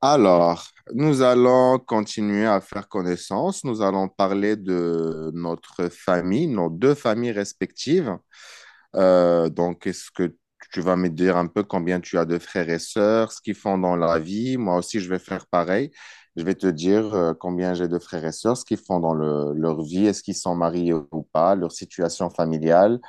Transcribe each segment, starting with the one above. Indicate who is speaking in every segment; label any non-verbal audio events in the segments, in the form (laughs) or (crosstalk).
Speaker 1: Alors, nous allons continuer à faire connaissance. Nous allons parler de notre famille, nos deux familles respectives. Donc, est-ce que tu vas me dire un peu combien tu as de frères et sœurs, ce qu'ils font dans la vie? Moi aussi, je vais faire pareil. Je vais te dire combien j'ai de frères et sœurs, ce qu'ils font dans leur vie, est-ce qu'ils sont mariés ou pas, leur situation familiale.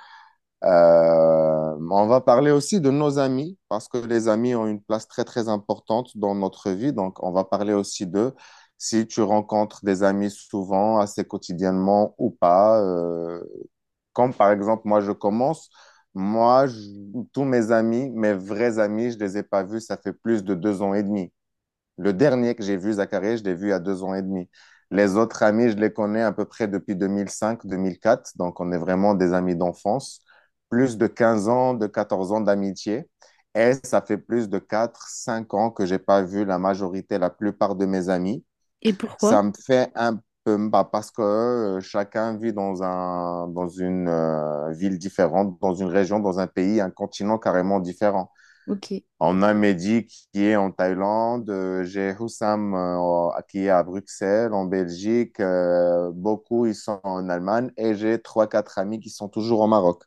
Speaker 1: On va parler aussi de nos amis, parce que les amis ont une place très, très importante dans notre vie. Donc, on va parler aussi d'eux. Si tu rencontres des amis souvent, assez quotidiennement ou pas, comme par exemple, moi, je commence. Moi, tous mes amis, mes vrais amis, je les ai pas vus, ça fait plus de 2 ans et demi. Le dernier que j'ai vu, Zachary, je l'ai vu il y a 2 ans et demi. Les autres amis, je les connais à peu près depuis 2005-2004, donc on est vraiment des amis d'enfance. Plus de 15 ans, de 14 ans d'amitié. Et ça fait plus de quatre, cinq ans que j'ai pas vu la majorité, la plupart de mes amis.
Speaker 2: Et pourquoi?
Speaker 1: Ça me fait un peu, bah, parce que chacun vit dans dans une ville différente, dans une région, dans un pays, un continent carrément différent.
Speaker 2: Ok.
Speaker 1: On a Mehdi qui est en Thaïlande, j'ai Houssam qui est à Bruxelles, en Belgique, beaucoup ils sont en Allemagne et j'ai trois, quatre amis qui sont toujours au Maroc.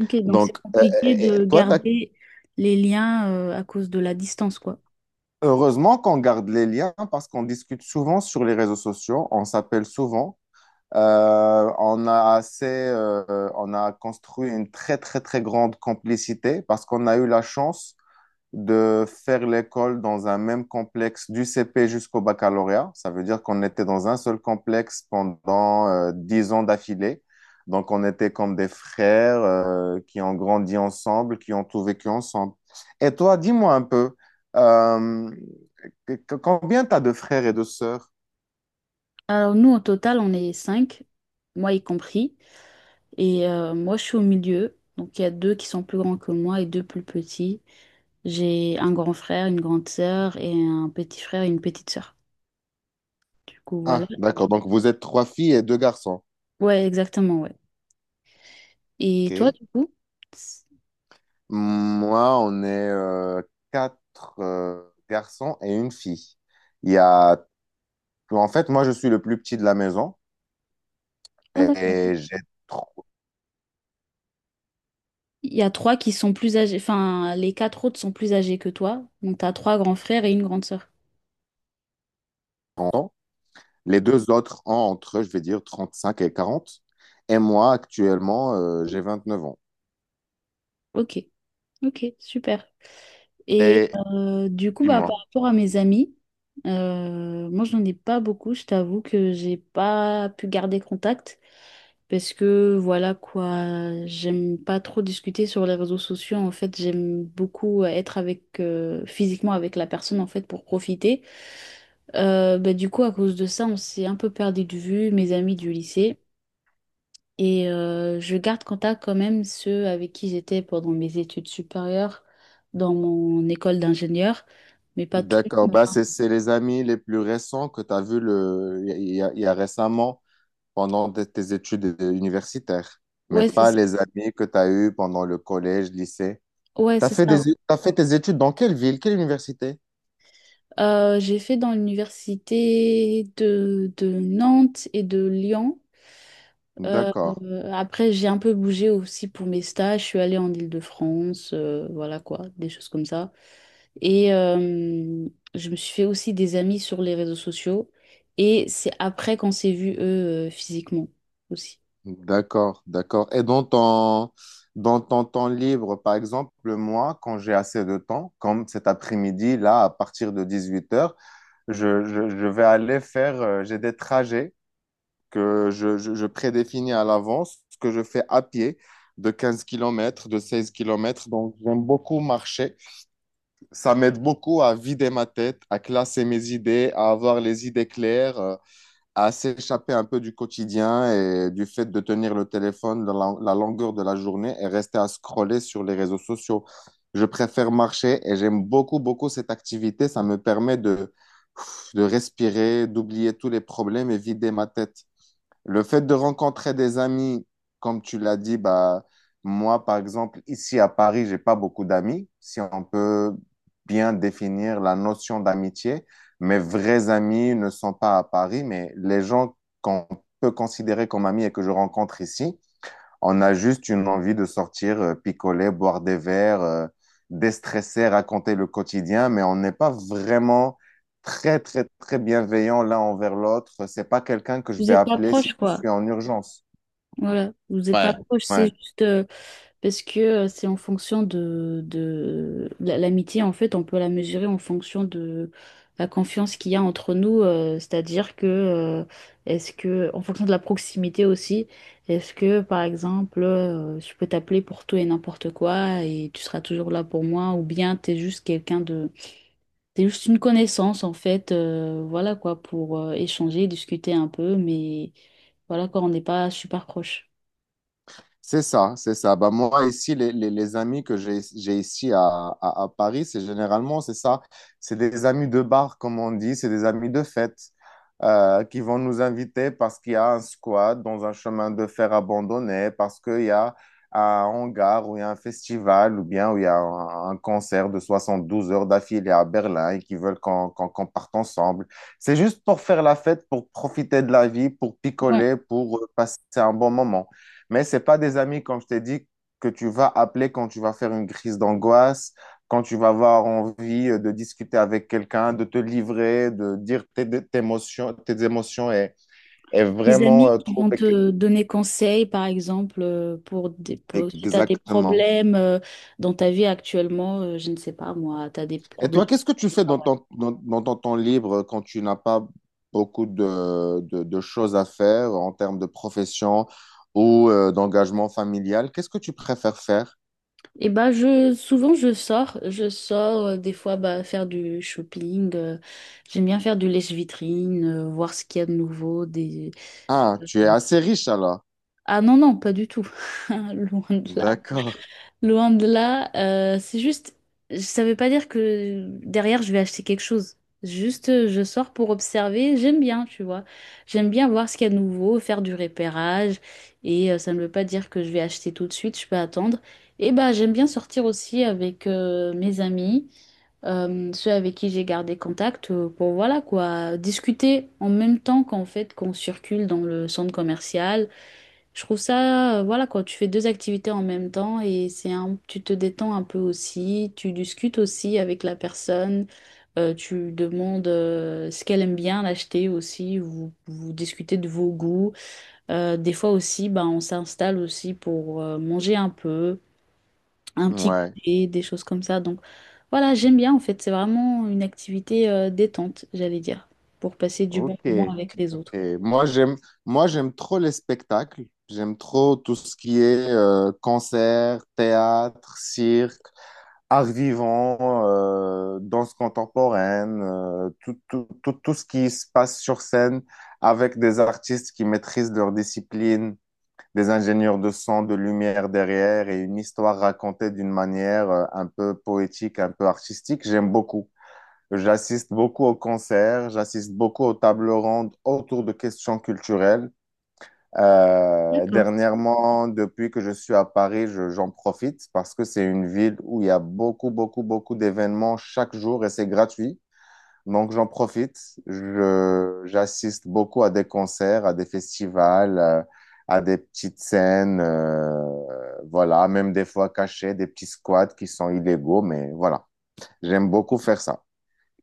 Speaker 2: Ok, donc c'est
Speaker 1: Donc,
Speaker 2: compliqué
Speaker 1: et- et
Speaker 2: de
Speaker 1: toi, t'as-
Speaker 2: garder les liens à cause de la distance, quoi.
Speaker 1: heureusement qu'on garde les liens parce qu'on discute souvent sur les réseaux sociaux, on s'appelle souvent. On a assez, on a construit une très, très, très grande complicité parce qu'on a eu la chance de faire l'école dans un même complexe du CP jusqu'au baccalauréat. Ça veut dire qu'on était dans un seul complexe pendant 10 ans d'affilée. Donc, on était comme des frères qui ont grandi ensemble, qui ont tout vécu ensemble. Et toi, dis-moi un peu, euh, combien t'as de frères et de sœurs?
Speaker 2: Alors nous, au total, on est cinq, moi y compris, et moi je suis au milieu, donc il y a deux qui sont plus grands que moi et deux plus petits. J'ai un grand frère, une grande sœur et un petit frère et une petite sœur. Du coup, voilà.
Speaker 1: Ah, d'accord. Donc, vous êtes trois filles et deux garçons.
Speaker 2: Ouais, exactement, ouais. Et toi,
Speaker 1: OK.
Speaker 2: du coup?
Speaker 1: Moi, on est quatre garçons et une fille. Il y a En fait, moi, je suis le plus petit de la maison
Speaker 2: Ah, d'accord.
Speaker 1: et j'ai 30
Speaker 2: Il y a trois qui sont plus âgés, enfin, les quatre autres sont plus âgés que toi, donc t'as trois grands frères et une grande sœur.
Speaker 1: ans. Les deux autres ont entre, je vais dire, 35 et 40. Et moi, actuellement, j'ai 29 ans.
Speaker 2: Ok, ok, super. Et
Speaker 1: Et
Speaker 2: du coup, bah,
Speaker 1: dis-moi.
Speaker 2: par rapport à mes amis, moi, j'en ai pas beaucoup. Je t'avoue que j'ai pas pu garder contact parce que voilà quoi, j'aime pas trop discuter sur les réseaux sociaux. En fait, j'aime beaucoup être avec physiquement avec la personne en fait pour profiter. Bah, du coup, à cause de ça, on s'est un peu perdu de vue, mes amis du lycée. Et je garde contact quand même ceux avec qui j'étais pendant mes études supérieures dans mon école d'ingénieur, mais pas tout le
Speaker 1: D'accord.
Speaker 2: monde,
Speaker 1: Bah,
Speaker 2: hein.
Speaker 1: c'est les amis les plus récents que tu as vus le... il y a récemment pendant tes études universitaires, mais
Speaker 2: Ouais, c'est
Speaker 1: pas
Speaker 2: ça.
Speaker 1: les amis que tu as eus pendant le collège, lycée.
Speaker 2: Ouais,
Speaker 1: Tu as
Speaker 2: c'est
Speaker 1: fait des...
Speaker 2: ça.
Speaker 1: t'as fait tes études dans quelle ville, quelle université?
Speaker 2: J'ai fait dans l'université de Nantes et de Lyon. Euh,
Speaker 1: D'accord.
Speaker 2: Après, j'ai un peu bougé aussi pour mes stages. Je suis allée en Île-de-France, voilà quoi, des choses comme ça. Et je me suis fait aussi des amis sur les réseaux sociaux. Et c'est après qu'on s'est vus, eux, physiquement aussi.
Speaker 1: D'accord, d'accord. Et dans ton temps libre, par exemple, moi, quand j'ai assez de temps, comme cet après-midi, là, à partir de 18 h, je vais aller faire, j'ai des trajets que je prédéfinis à l'avance, ce que je fais à pied de 15 kilomètres, de 16 kilomètres. Donc, j'aime beaucoup marcher. Ça m'aide beaucoup à vider ma tête, à classer mes idées, à avoir les idées claires, à s'échapper un peu du quotidien et du fait de tenir le téléphone dans la, la longueur de la journée et rester à scroller sur les réseaux sociaux. Je préfère marcher et j'aime beaucoup, beaucoup cette activité. Ça me permet de respirer, d'oublier tous les problèmes et vider ma tête. Le fait de rencontrer des amis, comme tu l'as dit, bah, moi, par exemple, ici à Paris, j'ai pas beaucoup d'amis. Si on peut bien définir la notion d'amitié, mes vrais amis ne sont pas à Paris, mais les gens qu'on peut considérer comme amis et que je rencontre ici, on a juste une envie de sortir, picoler, boire des verres, déstresser, raconter le quotidien, mais on n'est pas vraiment très, très, très bienveillant l'un envers l'autre. C'est pas quelqu'un que je
Speaker 2: Vous
Speaker 1: vais
Speaker 2: êtes pas
Speaker 1: appeler si
Speaker 2: proches,
Speaker 1: je
Speaker 2: quoi.
Speaker 1: suis en urgence.
Speaker 2: Voilà, vous n'êtes pas
Speaker 1: Ouais.
Speaker 2: proche,
Speaker 1: Ouais.
Speaker 2: c'est juste parce que c'est en fonction de la- l'amitié, en fait, on peut la mesurer en fonction de la confiance qu'il y a entre nous, c'est-à-dire que est-ce que, en fonction de la proximité aussi, est-ce que, par exemple, je peux t'appeler pour tout et n'importe quoi et tu seras toujours là pour moi, ou bien t'es juste quelqu'un de... T'es juste une connaissance, en fait, voilà quoi, pour échanger, discuter un peu, mais voilà quoi, on n'est pas super proche.
Speaker 1: C'est ça, c'est ça. Bah, moi, ici, les amis que j'ai ici à Paris, c'est généralement, c'est ça. C'est des amis de bar, comme on dit, c'est des amis de fête qui vont nous inviter parce qu'il y a un squat dans un chemin de fer abandonné, parce qu'il y a un hangar où il y a un festival ou bien où il y a un concert de 72 heures d'affilée à Berlin et qui veulent qu'on parte ensemble. C'est juste pour faire la fête, pour profiter de la vie, pour
Speaker 2: Ouais.
Speaker 1: picoler, pour passer un bon moment. Mais c'est pas des amis, comme je t'ai dit, que tu vas appeler quand tu vas faire une crise d'angoisse, quand tu vas avoir envie de discuter avec quelqu'un, de te livrer, de dire tes émotions et
Speaker 2: Des
Speaker 1: vraiment
Speaker 2: amis qui vont
Speaker 1: trouver...
Speaker 2: te donner conseil, par exemple, pour, des, pour- si tu as des
Speaker 1: Exactement.
Speaker 2: problèmes dans ta vie actuellement, je ne sais pas moi, tu as des
Speaker 1: Et
Speaker 2: problèmes
Speaker 1: toi, qu'est-ce que tu
Speaker 2: au
Speaker 1: fais dans
Speaker 2: travail.
Speaker 1: dans ton temps libre quand tu n'as pas beaucoup de, de choses à faire en termes de profession ou d'engagement familial? Qu'est-ce que tu préfères faire?
Speaker 2: Et bah je souvent je sors des fois bah, faire du shopping, j'aime bien faire du lèche-vitrine, voir ce qu'il y a de nouveau, des...
Speaker 1: Ah, tu es assez riche alors.
Speaker 2: Ah non non, pas du tout. (laughs) Loin de là.
Speaker 1: D'accord.
Speaker 2: Loin de là, c'est juste, ça veut pas dire que derrière je vais acheter quelque chose. Juste, je sors pour observer. J'aime bien, tu vois. J'aime bien voir ce qu'il y a de nouveau, faire du repérage. Et ça ne veut pas dire que je vais acheter tout de suite, je peux attendre. Et bah, j'aime bien sortir aussi avec mes amis, ceux avec qui j'ai gardé contact, pour voilà quoi, discuter en même temps qu'en fait qu'on circule dans le centre commercial. Je trouve ça, voilà quoi, tu fais deux activités en même temps et c'est un, tu te détends un peu aussi, tu discutes aussi avec la personne, tu demandes ce qu'elle aime bien l'acheter aussi, vous, vous discutez de vos goûts. Des fois aussi, ben, on s'installe aussi pour manger un peu, un petit
Speaker 1: Ouais.
Speaker 2: goûter, des choses comme ça. Donc voilà, j'aime bien en fait, c'est vraiment une activité détente, j'allais dire, pour passer du bon
Speaker 1: Ok,
Speaker 2: moment avec les
Speaker 1: ok.
Speaker 2: autres.
Speaker 1: Moi, j'aime, Moi, j'aime trop les spectacles. J'aime trop tout ce qui est concert, théâtre, cirque, art vivant, danse contemporaine, tout, tout, tout, tout ce qui se passe sur scène avec des artistes qui maîtrisent leur discipline, des ingénieurs de son, de lumière derrière et une histoire racontée d'une manière un peu poétique, un peu artistique. J'aime beaucoup. J'assiste beaucoup aux concerts, j'assiste beaucoup aux tables rondes autour de questions culturelles. Dernièrement, depuis que je suis à Paris, j'en profite parce que c'est une ville où il y a beaucoup, beaucoup, beaucoup d'événements chaque jour et c'est gratuit. Donc j'en profite. J'assiste beaucoup à des concerts, à des festivals, à des petites scènes, voilà, même des fois cachées, des petits squats qui sont illégaux, mais voilà, j'aime beaucoup faire ça.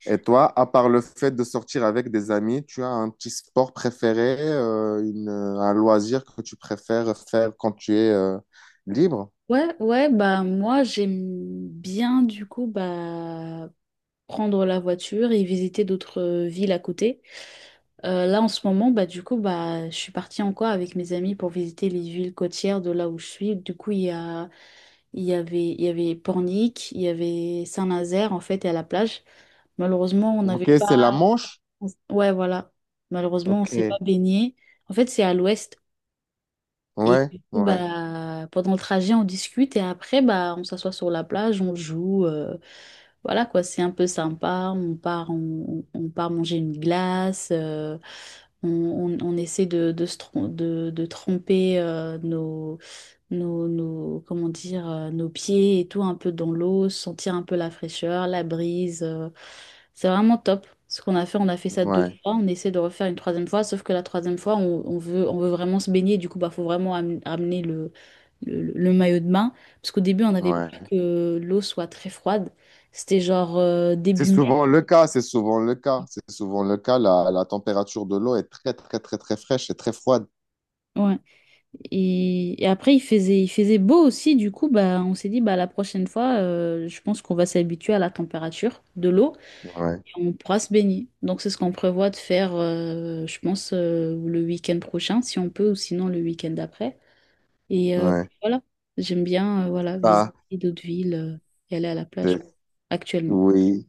Speaker 1: Et toi, à part le fait de sortir avec des amis, tu as un petit sport préféré, un loisir que tu préfères faire quand tu es libre?
Speaker 2: Ouais, ouais, bah moi j'aime bien du coup bah prendre la voiture et visiter d'autres villes à côté. Là en ce moment bah du coup bah je suis partie encore avec mes amis pour visiter les villes côtières de là où je suis. Du coup il y a il y avait Pornic, il y avait Saint-Nazaire en fait et à la plage. Malheureusement on n'avait
Speaker 1: Ok,
Speaker 2: pas...
Speaker 1: c'est la Manche?
Speaker 2: Ouais voilà, malheureusement on
Speaker 1: Ok.
Speaker 2: s'est pas baigné. En fait c'est à l'ouest. Et
Speaker 1: Ouais,
Speaker 2: du coup,
Speaker 1: ouais,
Speaker 2: bah, pendant le trajet, on discute et après, bah, on s'assoit sur la plage, on joue. Voilà quoi, c'est un peu sympa. On part manger une glace. On essaie de, se trom- de tremper comment dire, nos pieds et tout un peu dans l'eau, sentir un peu la fraîcheur, la brise. C'est vraiment top. Ce qu'on a fait, on a fait ça deux
Speaker 1: ouais,
Speaker 2: fois. On essaie de refaire une troisième fois, sauf que la troisième fois, on veut vraiment se baigner. Du coup, bah, faut vraiment am- amener le maillot de bain. Parce qu'au début, on avait peur
Speaker 1: ouais.
Speaker 2: que l'eau soit très froide. C'était genre
Speaker 1: C'est
Speaker 2: début mai.
Speaker 1: souvent le cas, c'est souvent le cas, c'est souvent le cas. La température de l'eau est très, très, très, très fraîche et très froide.
Speaker 2: Ouais. Et après, il faisait beau aussi. Du coup, bah, on s'est dit, bah, la prochaine fois, je pense qu'on va s'habituer à la température de l'eau
Speaker 1: Ouais,
Speaker 2: et on pourra se baigner. Donc, c'est ce qu'on prévoit de faire, je pense, le week-end prochain, si on peut, ou sinon le week-end d'après. Et
Speaker 1: ouais.
Speaker 2: voilà, j'aime bien voilà, visiter
Speaker 1: Ah,
Speaker 2: d'autres villes et aller à la plage
Speaker 1: c'est-
Speaker 2: quoi, actuellement.
Speaker 1: oui,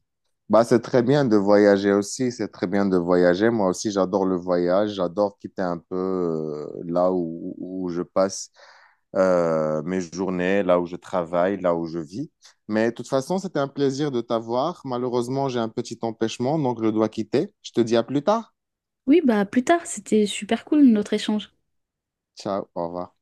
Speaker 1: bah, c'est très bien de voyager aussi, c'est très bien de voyager. Moi aussi, j'adore le voyage, j'adore quitter un peu là où, où je passe mes journées, là où je travaille, là où je vis. Mais de toute façon, c'était un plaisir de t'avoir. Malheureusement, j'ai un petit empêchement, donc je dois quitter. Je te dis à plus tard.
Speaker 2: Oui, bah plus tard, c'était super cool notre échange.
Speaker 1: Ciao, au revoir.